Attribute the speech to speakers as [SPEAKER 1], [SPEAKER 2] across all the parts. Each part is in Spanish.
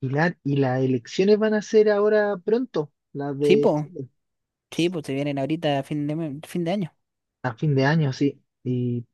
[SPEAKER 1] Y las elecciones van a ser ahora pronto, las
[SPEAKER 2] Sí,
[SPEAKER 1] de
[SPEAKER 2] po,
[SPEAKER 1] Chile,
[SPEAKER 2] sí, pues se vienen ahorita a fin de año.
[SPEAKER 1] a fin de año, sí. Y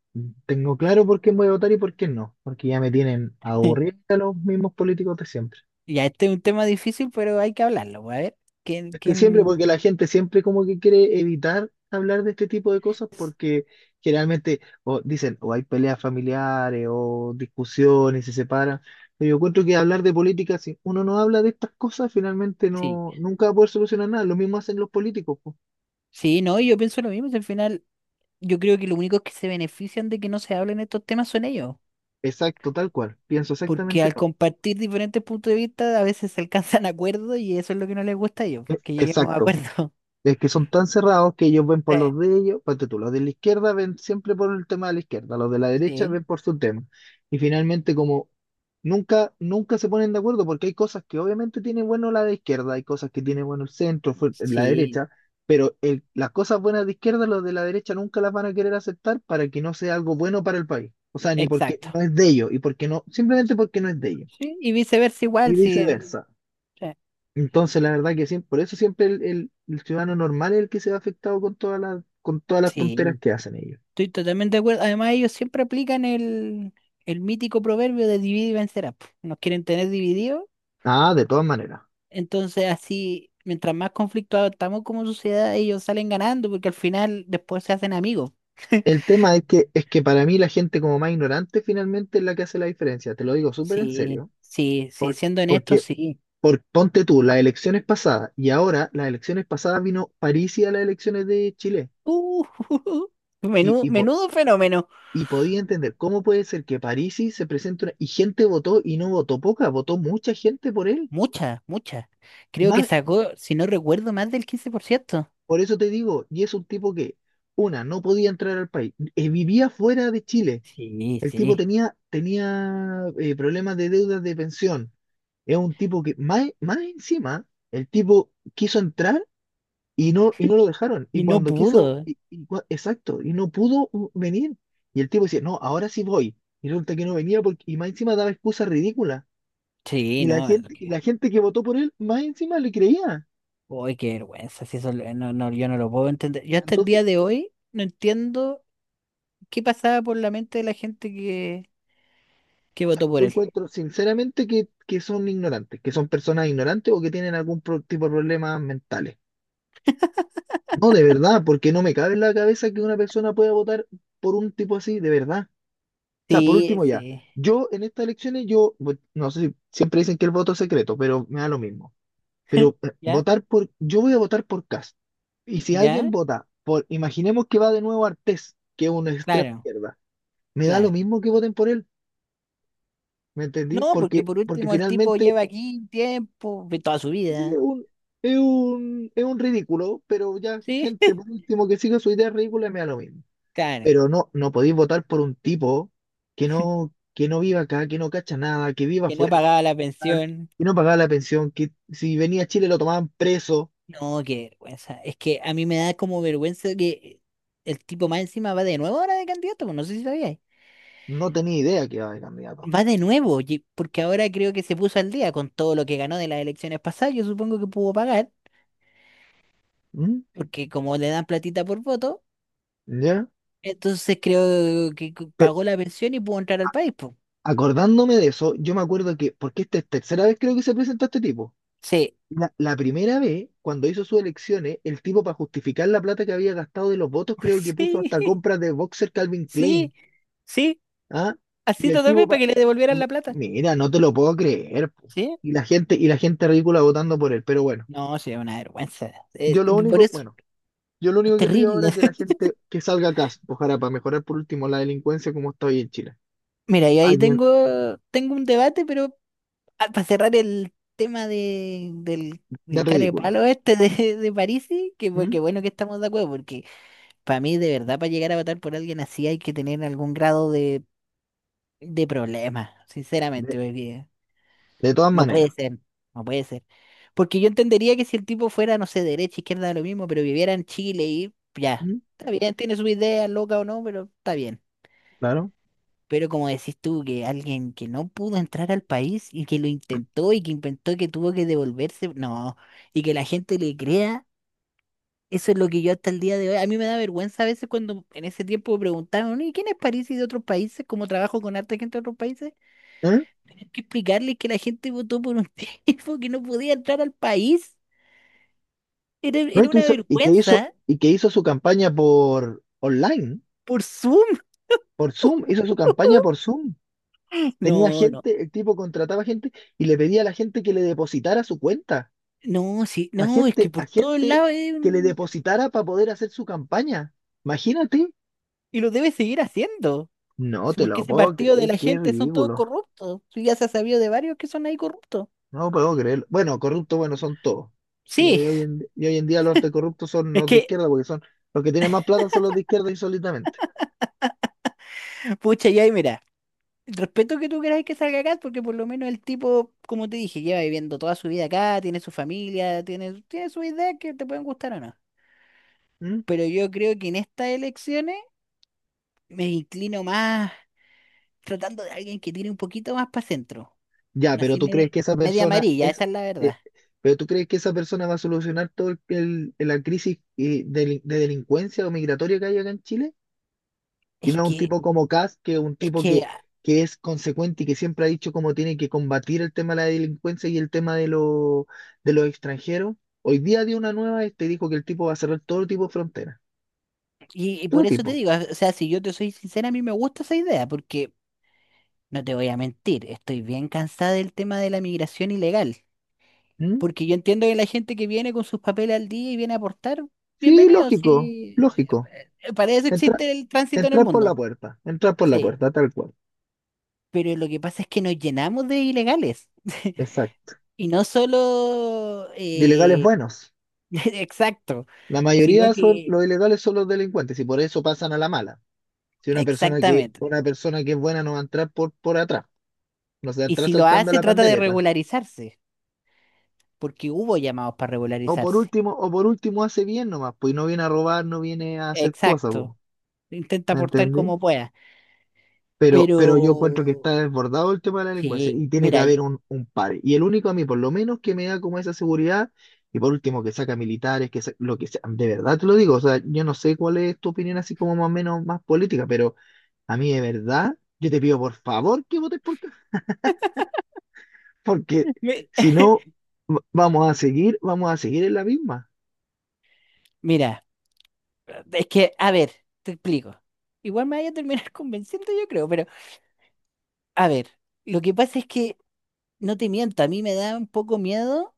[SPEAKER 1] tengo claro por quién voy a votar y por qué no, porque ya me tienen aburrido a los mismos políticos de siempre.
[SPEAKER 2] Ya, este es un tema difícil, pero hay que hablarlo, pues, a ver. ¿Quién,
[SPEAKER 1] Es que siempre,
[SPEAKER 2] quién?
[SPEAKER 1] porque la gente siempre como que quiere evitar hablar de este tipo de cosas, porque generalmente o dicen, o hay peleas familiares, o discusiones, se separan. Pero yo encuentro que hablar de política, si uno no habla de estas cosas, finalmente
[SPEAKER 2] Sí,
[SPEAKER 1] no, nunca va a poder solucionar nada. Lo mismo hacen los políticos.
[SPEAKER 2] sí, no, yo pienso lo mismo. Si Al final, yo creo que los únicos que se benefician de que no se hablen estos temas son ellos,
[SPEAKER 1] Exacto, tal cual. Pienso
[SPEAKER 2] porque
[SPEAKER 1] exactamente
[SPEAKER 2] al
[SPEAKER 1] lo mismo.
[SPEAKER 2] compartir diferentes puntos de vista, a veces se alcanzan acuerdos y eso es lo que no les gusta a ellos,
[SPEAKER 1] E-
[SPEAKER 2] que lleguemos a
[SPEAKER 1] Exacto.
[SPEAKER 2] acuerdos.
[SPEAKER 1] Es que son tan cerrados que ellos ven
[SPEAKER 2] Sí,
[SPEAKER 1] por los de ellos, ponte tú, los de la izquierda ven siempre por el tema de la izquierda, los de la derecha
[SPEAKER 2] sí,
[SPEAKER 1] ven por su tema. Y finalmente, como nunca se ponen de acuerdo, porque hay cosas que obviamente tiene bueno la de izquierda, hay cosas que tiene bueno el centro, la
[SPEAKER 2] sí,
[SPEAKER 1] derecha, pero las cosas buenas de izquierda, los de la derecha nunca las van a querer aceptar para que no sea algo bueno para el país. O sea, ni porque
[SPEAKER 2] exacto.
[SPEAKER 1] no es de ellos, y porque no, simplemente porque no es de ellos.
[SPEAKER 2] Sí, y viceversa
[SPEAKER 1] Y
[SPEAKER 2] igual, sí,
[SPEAKER 1] viceversa.
[SPEAKER 2] sí,
[SPEAKER 1] Entonces, la verdad que siempre, por eso siempre el ciudadano normal es el que se ve afectado con todas con todas las tonteras
[SPEAKER 2] sí.
[SPEAKER 1] que hacen ellos.
[SPEAKER 2] Estoy totalmente de acuerdo. Además, ellos siempre aplican el mítico proverbio de divide y vencerás, po. Nos quieren tener divididos.
[SPEAKER 1] Ah, de todas maneras.
[SPEAKER 2] Entonces, así, mientras más conflictuados estamos como sociedad, ellos salen ganando porque al final después se hacen amigos.
[SPEAKER 1] El tema es es que para mí la gente como más ignorante finalmente es la que hace la diferencia. Te lo digo súper en
[SPEAKER 2] Sí,
[SPEAKER 1] serio.
[SPEAKER 2] sí, sí,
[SPEAKER 1] Por-
[SPEAKER 2] siendo honestos,
[SPEAKER 1] porque,
[SPEAKER 2] sí.
[SPEAKER 1] Ponte tú, las elecciones pasadas y ahora las elecciones pasadas vino Parisi a las elecciones de Chile.
[SPEAKER 2] Uh,
[SPEAKER 1] Y, y, po-
[SPEAKER 2] menudo fenómeno.
[SPEAKER 1] y podía entender cómo puede ser que Parisi se presente y gente votó y no votó poca, votó mucha gente por él.
[SPEAKER 2] Muchas, muchas. Creo que
[SPEAKER 1] Más,
[SPEAKER 2] sacó, si no recuerdo, más del 15%.
[SPEAKER 1] por eso te digo, y es un tipo que, una, no podía entrar al país, vivía fuera de Chile.
[SPEAKER 2] Sí,
[SPEAKER 1] El tipo
[SPEAKER 2] sí.
[SPEAKER 1] tenía problemas de deudas de pensión. Es un tipo que, más, más encima, el tipo quiso entrar y y no lo dejaron.
[SPEAKER 2] Y
[SPEAKER 1] Y
[SPEAKER 2] no
[SPEAKER 1] cuando quiso,
[SPEAKER 2] pudo.
[SPEAKER 1] exacto, y no pudo venir. Y el tipo decía, no, ahora sí voy. Y resulta que no venía porque, y más encima daba excusas ridículas.
[SPEAKER 2] Sí,
[SPEAKER 1] Y
[SPEAKER 2] no.
[SPEAKER 1] la gente que votó por él, más encima le creía.
[SPEAKER 2] Uy, qué vergüenza, no, no, yo no lo puedo entender. Yo hasta el
[SPEAKER 1] Entonces,
[SPEAKER 2] día de hoy no entiendo qué pasaba por la mente de que
[SPEAKER 1] o sea,
[SPEAKER 2] votó
[SPEAKER 1] yo
[SPEAKER 2] por él.
[SPEAKER 1] encuentro sinceramente que son ignorantes, que son personas ignorantes o que tienen algún tipo de problemas mentales. No, de verdad, porque no me cabe en la cabeza que una persona pueda votar por un tipo así, de verdad. O sea, por
[SPEAKER 2] Sí,
[SPEAKER 1] último ya,
[SPEAKER 2] sí.
[SPEAKER 1] yo en estas elecciones, no sé si siempre dicen que el voto es secreto, pero me da lo mismo. Pero
[SPEAKER 2] ¿Ya?
[SPEAKER 1] yo voy a votar por Kast. Y si
[SPEAKER 2] ¿Ya?
[SPEAKER 1] alguien vota por, imaginemos que va de nuevo Artés, que es una extrema
[SPEAKER 2] Claro,
[SPEAKER 1] izquierda, me da lo
[SPEAKER 2] claro.
[SPEAKER 1] mismo que voten por él. ¿Me entendí?
[SPEAKER 2] No, porque
[SPEAKER 1] Porque,
[SPEAKER 2] por
[SPEAKER 1] porque
[SPEAKER 2] último el tipo
[SPEAKER 1] finalmente
[SPEAKER 2] lleva aquí tiempo, de toda su
[SPEAKER 1] Y Es
[SPEAKER 2] vida.
[SPEAKER 1] un, es un ridículo, pero ya
[SPEAKER 2] Sí,
[SPEAKER 1] gente por último que siga su idea ridícula me da lo mismo.
[SPEAKER 2] claro.
[SPEAKER 1] Pero no podéis votar por un tipo que no viva acá, que no cacha nada, que viva
[SPEAKER 2] Que no
[SPEAKER 1] afuera,
[SPEAKER 2] pagaba la pensión.
[SPEAKER 1] que no pagaba la pensión, que si venía a Chile lo tomaban preso,
[SPEAKER 2] No, qué vergüenza. Es que a mí me da como vergüenza que el tipo más encima va de nuevo ahora de candidato, pues no sé si sabía.
[SPEAKER 1] no tenía idea que iba de candidato.
[SPEAKER 2] Va de nuevo, porque ahora creo que se puso al día con todo lo que ganó de las elecciones pasadas. Yo supongo que pudo pagar,
[SPEAKER 1] ¿Mm?
[SPEAKER 2] porque como le dan platita por voto,
[SPEAKER 1] ¿Ya?
[SPEAKER 2] entonces creo que
[SPEAKER 1] Pero
[SPEAKER 2] pagó la pensión y pudo entrar al país, po.
[SPEAKER 1] acordándome de eso, yo me acuerdo que, porque esta es tercera vez creo que se presenta este tipo.
[SPEAKER 2] Sí,
[SPEAKER 1] La primera vez, cuando hizo sus elecciones, el tipo para justificar la plata que había gastado de los votos, creo que puso hasta
[SPEAKER 2] sí,
[SPEAKER 1] compras de boxer Calvin
[SPEAKER 2] sí,
[SPEAKER 1] Klein.
[SPEAKER 2] sí,
[SPEAKER 1] ¿Ah? Y
[SPEAKER 2] así
[SPEAKER 1] el
[SPEAKER 2] lo
[SPEAKER 1] tipo
[SPEAKER 2] tomé para
[SPEAKER 1] pa-
[SPEAKER 2] que le devolvieran
[SPEAKER 1] M-
[SPEAKER 2] la plata.
[SPEAKER 1] Mira, no te lo puedo creer, po.
[SPEAKER 2] Sí,
[SPEAKER 1] Y la gente ridícula votando por él. Pero bueno,
[SPEAKER 2] no, sí, es una vergüenza.
[SPEAKER 1] yo lo
[SPEAKER 2] Por
[SPEAKER 1] único,
[SPEAKER 2] eso,
[SPEAKER 1] bueno, yo lo
[SPEAKER 2] es
[SPEAKER 1] único que pido ahora
[SPEAKER 2] terrible.
[SPEAKER 1] es que la gente que salga a casa ojalá para mejorar por último la delincuencia como está hoy en Chile.
[SPEAKER 2] Mira, y ahí
[SPEAKER 1] Alguien
[SPEAKER 2] tengo, tengo un debate, pero ah, para cerrar el tema
[SPEAKER 1] de
[SPEAKER 2] del cara de
[SPEAKER 1] ridículo.
[SPEAKER 2] palo este de Parisi, que,
[SPEAKER 1] ¿Mm?
[SPEAKER 2] que bueno que estamos de acuerdo, porque para mí de verdad para llegar a votar por alguien así hay que tener algún grado de problema, sinceramente,
[SPEAKER 1] De,
[SPEAKER 2] porque
[SPEAKER 1] de todas
[SPEAKER 2] no puede
[SPEAKER 1] maneras.
[SPEAKER 2] ser, no puede ser. Porque yo entendería que si el tipo fuera, no sé, derecha, izquierda, lo mismo, pero viviera en Chile y ya,
[SPEAKER 1] ¿Mm?
[SPEAKER 2] está bien, tiene su idea, loca o no, pero está bien.
[SPEAKER 1] Claro.
[SPEAKER 2] Pero como decís tú, que alguien que no pudo entrar al país y que lo intentó y que inventó que tuvo que devolverse, no, y que la gente le crea, eso es lo que yo hasta el día de hoy, a mí me da vergüenza a veces cuando en ese tiempo me preguntaban, ¿y quién es París y de otros países? ¿Cómo trabajo con harta gente de otros países?
[SPEAKER 1] ¿Eh?
[SPEAKER 2] Hay que explicarles que la gente votó por un tipo que no podía entrar al país. Era,
[SPEAKER 1] No,
[SPEAKER 2] era una vergüenza
[SPEAKER 1] y que hizo su campaña por online,
[SPEAKER 2] por Zoom.
[SPEAKER 1] por Zoom, hizo su campaña por Zoom. Tenía
[SPEAKER 2] No, no,
[SPEAKER 1] gente, el tipo contrataba gente y le pedía a la gente que le depositara su cuenta,
[SPEAKER 2] no, sí, no, es que
[SPEAKER 1] a
[SPEAKER 2] por todos
[SPEAKER 1] gente
[SPEAKER 2] lados es
[SPEAKER 1] que le depositara para poder hacer su campaña. Imagínate.
[SPEAKER 2] y lo debe seguir haciendo.
[SPEAKER 1] No
[SPEAKER 2] Sí,
[SPEAKER 1] te
[SPEAKER 2] porque
[SPEAKER 1] lo
[SPEAKER 2] ese
[SPEAKER 1] puedo
[SPEAKER 2] partido de
[SPEAKER 1] creer,
[SPEAKER 2] la
[SPEAKER 1] qué
[SPEAKER 2] gente son todos
[SPEAKER 1] ridículo.
[SPEAKER 2] corruptos. Sí, ya se ha sabido de varios que son ahí corruptos.
[SPEAKER 1] No puedo creerlo. Bueno, corruptos, bueno, son todos. Y
[SPEAKER 2] Sí,
[SPEAKER 1] hoy, hoy en, y hoy en día los de corruptos son
[SPEAKER 2] es
[SPEAKER 1] los de
[SPEAKER 2] que,
[SPEAKER 1] izquierda, porque son los que tienen más plata son los de izquierda insólitamente.
[SPEAKER 2] pucha, ya, y mira, respeto que tú queráis que salga acá, porque por lo menos el tipo, como te dije, lleva viviendo toda su vida acá, tiene su familia, tiene sus ideas que te pueden gustar o no. Pero yo creo que en estas elecciones me inclino más tratando de alguien que tiene un poquito más para centro.
[SPEAKER 1] Ya, pero
[SPEAKER 2] Así
[SPEAKER 1] tú crees
[SPEAKER 2] media,
[SPEAKER 1] que esa
[SPEAKER 2] media
[SPEAKER 1] persona
[SPEAKER 2] amarilla,
[SPEAKER 1] es,
[SPEAKER 2] esa es la
[SPEAKER 1] eh,
[SPEAKER 2] verdad.
[SPEAKER 1] pero tú crees que esa persona va a solucionar todo la crisis de delincuencia o migratoria que hay acá en Chile, y
[SPEAKER 2] Es
[SPEAKER 1] no un
[SPEAKER 2] que,
[SPEAKER 1] tipo como Kast, que es un
[SPEAKER 2] es
[SPEAKER 1] tipo
[SPEAKER 2] que, ah,
[SPEAKER 1] que es consecuente y que siempre ha dicho cómo tiene que combatir el tema de la delincuencia y el tema de, de los extranjeros. Hoy día dio una nueva, este dijo que el tipo va a cerrar todo tipo de fronteras,
[SPEAKER 2] y
[SPEAKER 1] todo
[SPEAKER 2] por eso te
[SPEAKER 1] tipo.
[SPEAKER 2] digo, o sea, si yo te soy sincera, a mí me gusta esa idea, porque no te voy a mentir, estoy bien cansada del tema de la migración ilegal,
[SPEAKER 1] ¿Mm?
[SPEAKER 2] porque yo entiendo que la gente que viene con sus papeles al día y viene a aportar,
[SPEAKER 1] Sí,
[SPEAKER 2] bienvenidos
[SPEAKER 1] lógico,
[SPEAKER 2] sí,
[SPEAKER 1] lógico.
[SPEAKER 2] para eso
[SPEAKER 1] Entra-
[SPEAKER 2] existe el tránsito en el
[SPEAKER 1] entrar por la
[SPEAKER 2] mundo,
[SPEAKER 1] puerta, entrar por la
[SPEAKER 2] sí,
[SPEAKER 1] puerta, tal cual.
[SPEAKER 2] pero lo que pasa es que nos llenamos de ilegales,
[SPEAKER 1] Exacto.
[SPEAKER 2] y no solo,
[SPEAKER 1] De ilegales buenos.
[SPEAKER 2] exacto,
[SPEAKER 1] La
[SPEAKER 2] sino
[SPEAKER 1] mayoría son
[SPEAKER 2] que,
[SPEAKER 1] los ilegales son los delincuentes y por eso pasan a la mala. Si
[SPEAKER 2] exactamente,
[SPEAKER 1] una persona que es buena no va a entrar por atrás, no se va a
[SPEAKER 2] y
[SPEAKER 1] entrar
[SPEAKER 2] si lo
[SPEAKER 1] saltando
[SPEAKER 2] hace,
[SPEAKER 1] la
[SPEAKER 2] trata de
[SPEAKER 1] pandereta.
[SPEAKER 2] regularizarse, porque hubo llamados para regularizarse,
[SPEAKER 1] O por último hace bien nomás, pues y no viene a robar, no viene a hacer cosas, po.
[SPEAKER 2] exacto, intenta
[SPEAKER 1] ¿Me
[SPEAKER 2] aportar
[SPEAKER 1] entendí?
[SPEAKER 2] como pueda. Pero
[SPEAKER 1] Pero yo encuentro que está desbordado el tema de la delincuencia
[SPEAKER 2] sí,
[SPEAKER 1] y tiene que
[SPEAKER 2] mira,
[SPEAKER 1] haber un par. Y el único a mí, por lo menos, que me da como esa seguridad, y por último, que saca militares, que sa- lo que sea, de verdad te lo digo, o sea, yo no sé cuál es tu opinión así como más o menos más política, pero a mí de verdad, yo te pido por favor que votes por Kast, porque
[SPEAKER 2] me-
[SPEAKER 1] si no, vamos a seguir en la misma.
[SPEAKER 2] mira, a ver, te explico. Igual me vaya a terminar convenciendo, yo creo, pero a ver, lo que pasa es que no te miento, a mí me da un poco miedo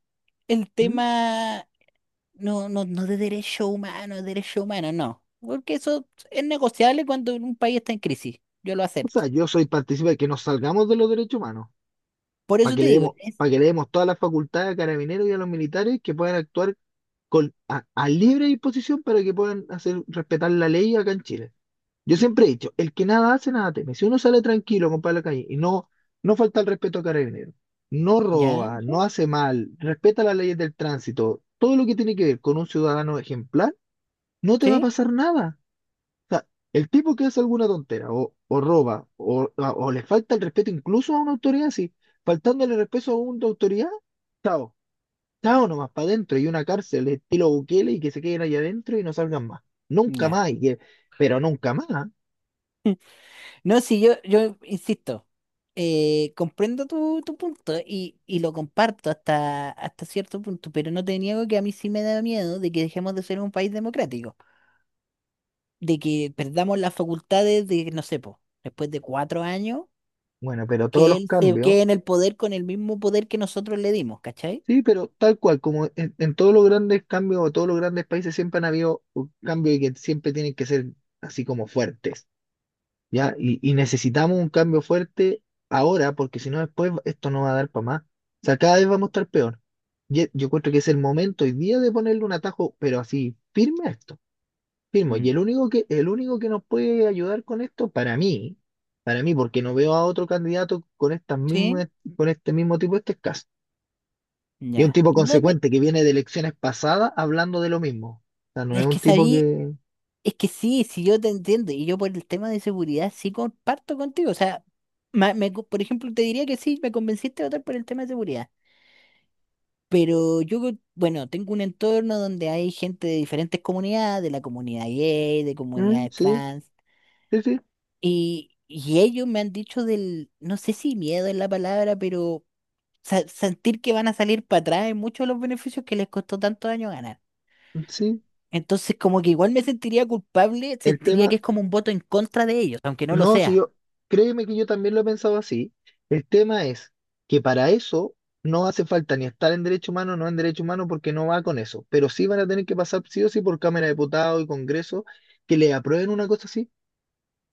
[SPEAKER 2] el
[SPEAKER 1] ¿M?
[SPEAKER 2] tema, no, no, no de derecho humano, de derecho humano, no, porque eso es negociable cuando un país está en crisis, yo lo
[SPEAKER 1] O
[SPEAKER 2] acepto.
[SPEAKER 1] sea, yo soy partícipe de que nos salgamos de los derechos humanos,
[SPEAKER 2] Por eso te digo,
[SPEAKER 1] para que le demos todas las facultades a carabineros y a los militares que puedan actuar a libre disposición para que puedan hacer respetar la ley acá en Chile. Yo siempre he dicho, el que nada hace, nada teme. Si uno sale tranquilo, compadre, a la calle y no falta el respeto a Carabineros, no
[SPEAKER 2] ¿ya?
[SPEAKER 1] roba,
[SPEAKER 2] ¿Sí?
[SPEAKER 1] no hace mal, respeta las leyes del tránsito, todo lo que tiene que ver con un ciudadano ejemplar, no te va a
[SPEAKER 2] ¿Sí?
[SPEAKER 1] pasar nada. O sea, el tipo que hace alguna tontera o roba o le falta el respeto incluso a una autoridad, sí, faltándole respeto a una autoridad, chao. Chao nomás para adentro y una cárcel estilo Bukele y que se queden allá adentro y no salgan más. Nunca
[SPEAKER 2] Ya.
[SPEAKER 1] más, y que- pero nunca más.
[SPEAKER 2] No, sí, yo insisto. Eh, comprendo tu punto y lo comparto hasta, hasta cierto punto, pero no te niego que a mí sí me da miedo de que dejemos de ser un país democrático, de que perdamos las facultades de, no sé, po, después de 4 años,
[SPEAKER 1] Bueno, pero todos
[SPEAKER 2] que
[SPEAKER 1] los
[SPEAKER 2] él se
[SPEAKER 1] cambios,
[SPEAKER 2] quede en el poder con el mismo poder que nosotros le dimos, ¿cachai?
[SPEAKER 1] sí, pero tal cual, como en todos los grandes cambios o todos los grandes países siempre han habido cambios y que siempre tienen que ser así como fuertes, ¿ya? Y necesitamos un cambio fuerte ahora porque si no después esto no va a dar para más. O sea, cada vez vamos a estar peor. Yo encuentro que es el momento hoy día de ponerle un atajo, pero así firme a esto. Firmo, y
[SPEAKER 2] Mm.
[SPEAKER 1] el único que nos puede ayudar con esto, para mí, porque no veo a otro candidato con estas
[SPEAKER 2] Sí,
[SPEAKER 1] mismas, con este mismo tipo de este caso. Y es un
[SPEAKER 2] ya.
[SPEAKER 1] tipo
[SPEAKER 2] No me-
[SPEAKER 1] consecuente que viene de elecciones pasadas hablando de lo mismo. O sea, no es
[SPEAKER 2] es
[SPEAKER 1] un
[SPEAKER 2] que
[SPEAKER 1] tipo
[SPEAKER 2] sabí,
[SPEAKER 1] que.
[SPEAKER 2] es que sí, sí yo te entiendo y yo por el tema de seguridad sí comparto contigo, o sea, por ejemplo te diría que sí, me convenciste de votar por el tema de seguridad. Pero yo, bueno, tengo un entorno donde hay gente de diferentes comunidades, de la comunidad gay, de
[SPEAKER 1] Mm,
[SPEAKER 2] comunidades trans,
[SPEAKER 1] sí, sí,
[SPEAKER 2] y ellos me han dicho del, no sé si miedo es la palabra, pero sentir que van a salir para atrás en muchos de los beneficios que les costó tantos años ganar.
[SPEAKER 1] sí.
[SPEAKER 2] Entonces, como que igual me sentiría culpable,
[SPEAKER 1] El
[SPEAKER 2] sentiría
[SPEAKER 1] tema,
[SPEAKER 2] que es como un voto en contra de ellos, aunque no lo
[SPEAKER 1] no, si
[SPEAKER 2] sea.
[SPEAKER 1] yo, créeme que yo también lo he pensado así. El tema es que para eso no hace falta ni estar en derecho humano, no en derecho humano, porque no va con eso. Pero sí van a tener que pasar sí o sí por Cámara de Diputados y Congreso que le aprueben una cosa así.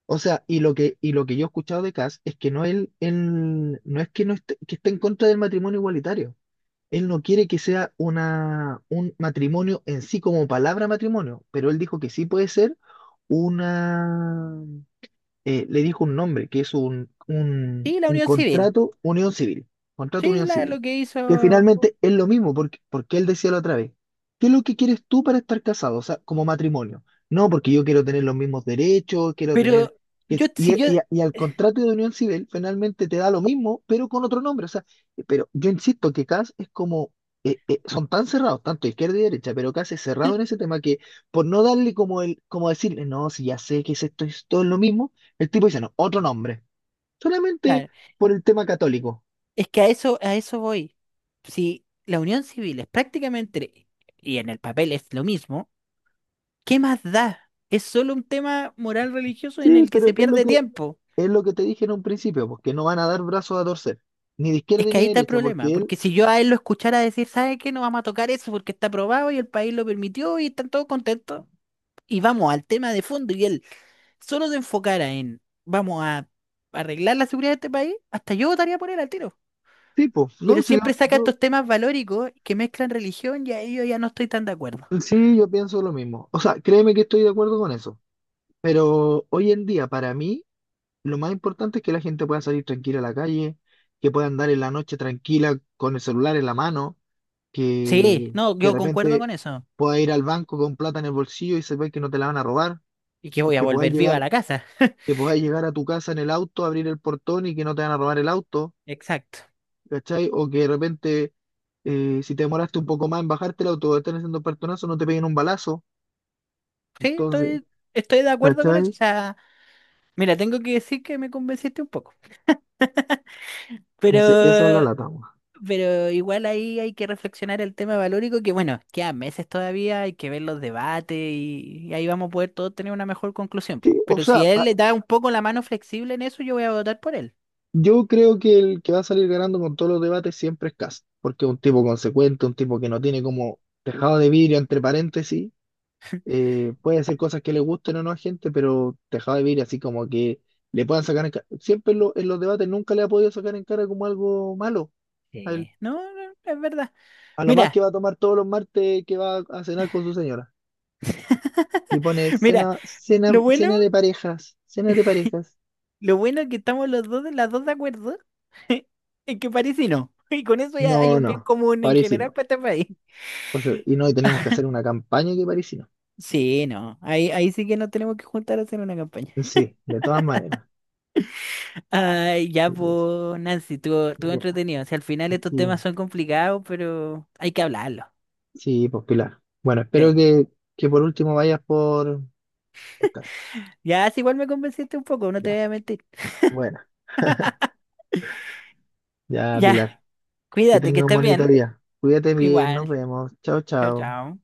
[SPEAKER 1] O sea, y lo que yo he escuchado de Kass es que no él, él no es que no esté, que esté en contra del matrimonio igualitario. Él no quiere que sea un matrimonio en sí como palabra matrimonio, pero él dijo que sí puede ser una le dijo un nombre, que es
[SPEAKER 2] Sí, la
[SPEAKER 1] un
[SPEAKER 2] Unión Civil,
[SPEAKER 1] contrato
[SPEAKER 2] sí,
[SPEAKER 1] unión
[SPEAKER 2] lo
[SPEAKER 1] civil,
[SPEAKER 2] que
[SPEAKER 1] que
[SPEAKER 2] hizo,
[SPEAKER 1] finalmente es lo mismo, porque él decía la otra vez, ¿qué es lo que quieres tú para estar casado? O sea, como matrimonio. No, porque yo quiero tener los mismos derechos, quiero tener...
[SPEAKER 2] pero
[SPEAKER 1] que-
[SPEAKER 2] yo,
[SPEAKER 1] Y,
[SPEAKER 2] si yo...
[SPEAKER 1] y, y al contrato de unión civil finalmente te da lo mismo, pero con otro nombre. O sea, pero yo insisto que CAS es como... son tan cerrados, tanto izquierda y derecha, pero CAS es cerrado en ese tema que por no darle como el, como decirle, no, si ya sé que es esto, esto es lo mismo, el tipo dice, no, otro nombre, solamente
[SPEAKER 2] claro,
[SPEAKER 1] por el tema católico.
[SPEAKER 2] es que a eso voy. Si la unión civil es prácticamente, y en el papel es lo mismo, ¿qué más da? Es solo un tema moral religioso en
[SPEAKER 1] Sí,
[SPEAKER 2] el que
[SPEAKER 1] pero
[SPEAKER 2] se pierde tiempo.
[SPEAKER 1] es lo que te dije en un principio, porque no van a dar brazos a torcer, ni de
[SPEAKER 2] Es
[SPEAKER 1] izquierda
[SPEAKER 2] que
[SPEAKER 1] ni
[SPEAKER 2] ahí
[SPEAKER 1] de
[SPEAKER 2] está el
[SPEAKER 1] derecha,
[SPEAKER 2] problema,
[SPEAKER 1] porque él,
[SPEAKER 2] porque si yo a él lo escuchara decir, ¿sabe qué? No vamos a tocar eso porque está aprobado y el país lo permitió y están todos contentos. Y vamos al tema de fondo y él solo se enfocara en, vamos a arreglar la seguridad de este país, hasta yo votaría por él al tiro.
[SPEAKER 1] tipo,
[SPEAKER 2] Pero
[SPEAKER 1] no, sí,
[SPEAKER 2] siempre saca
[SPEAKER 1] yo,
[SPEAKER 2] estos temas valóricos que mezclan religión y ahí yo ya no estoy tan de acuerdo.
[SPEAKER 1] sí, yo pienso lo mismo. O sea, créeme que estoy de acuerdo con eso, pero hoy en día, para mí, lo más importante es que la gente pueda salir tranquila a la calle, que pueda andar en la noche tranquila con el celular en la mano, que,
[SPEAKER 2] Sí, no,
[SPEAKER 1] que de
[SPEAKER 2] yo concuerdo
[SPEAKER 1] repente
[SPEAKER 2] con eso.
[SPEAKER 1] pueda ir al banco con plata en el bolsillo y se ve que no te la van a robar,
[SPEAKER 2] Y que
[SPEAKER 1] y
[SPEAKER 2] voy a
[SPEAKER 1] que pueda
[SPEAKER 2] volver viva a
[SPEAKER 1] llegar
[SPEAKER 2] la casa.
[SPEAKER 1] que puedas llegar a tu casa en el auto, abrir el portón y que no te van a robar el auto,
[SPEAKER 2] Exacto.
[SPEAKER 1] ¿cachai? O que de repente, si te demoraste un poco más en bajarte el auto o están haciendo portonazo, no te peguen un balazo.
[SPEAKER 2] Sí,
[SPEAKER 1] Entonces,
[SPEAKER 2] estoy, estoy de acuerdo con eso. O
[SPEAKER 1] ¿cachai?
[SPEAKER 2] sea, mira, tengo que decir que me convenciste un poco.
[SPEAKER 1] Dice, esa es la
[SPEAKER 2] Pero,
[SPEAKER 1] lata, weón.
[SPEAKER 2] pero igual ahí hay que reflexionar el tema valórico, que bueno, quedan meses todavía, hay que ver los debates y ahí vamos a poder todos tener una mejor conclusión,
[SPEAKER 1] Sí,
[SPEAKER 2] po.
[SPEAKER 1] o
[SPEAKER 2] Pero si
[SPEAKER 1] sea,
[SPEAKER 2] él le da un poco la mano flexible en eso, yo voy a votar por él.
[SPEAKER 1] yo creo que el que va a salir ganando con todos los debates siempre es Kast, porque es un tipo consecuente, un tipo que no tiene como tejado de vidrio, entre paréntesis, puede ser cosas que le gusten o no a gente, pero dejado de vivir así como que le puedan sacar en cara. Siempre en los debates nunca le ha podido sacar en cara como algo malo a él.
[SPEAKER 2] Sí. No, no, es verdad.
[SPEAKER 1] A lo más que
[SPEAKER 2] Mira,
[SPEAKER 1] va a tomar todos los martes que va a cenar con su señora. Y pone
[SPEAKER 2] mira, lo bueno
[SPEAKER 1] cena de parejas, cena de parejas.
[SPEAKER 2] lo bueno es que estamos los dos, las dos de acuerdo en que París y no. Y con eso ya hay
[SPEAKER 1] No,
[SPEAKER 2] un bien
[SPEAKER 1] no,
[SPEAKER 2] común en
[SPEAKER 1] París y
[SPEAKER 2] general
[SPEAKER 1] no.
[SPEAKER 2] para este país.
[SPEAKER 1] Y tenemos que hacer una campaña que París y no.
[SPEAKER 2] Sí, no. Ahí, ahí sí que nos tenemos que juntar a hacer una campaña.
[SPEAKER 1] Sí, de todas maneras.
[SPEAKER 2] Ay, ya,
[SPEAKER 1] Así que es-
[SPEAKER 2] pues, Nancy, estuvo, estuvo
[SPEAKER 1] ya,
[SPEAKER 2] entretenido. O sea, al final estos
[SPEAKER 1] así
[SPEAKER 2] temas son complicados, pero hay que hablarlo.
[SPEAKER 1] Sí, pues Pilar. Bueno,
[SPEAKER 2] Sí.
[SPEAKER 1] que por último vayas por podcast.
[SPEAKER 2] Ya, si igual me convenciste un poco, no te voy a mentir.
[SPEAKER 1] Bueno, ya
[SPEAKER 2] Ya,
[SPEAKER 1] Pilar, que
[SPEAKER 2] cuídate, que
[SPEAKER 1] tenga un
[SPEAKER 2] estés
[SPEAKER 1] bonito
[SPEAKER 2] bien.
[SPEAKER 1] día. Cuídate bien, nos
[SPEAKER 2] Igual.
[SPEAKER 1] vemos. Chao,
[SPEAKER 2] Chao,
[SPEAKER 1] chao.
[SPEAKER 2] chao.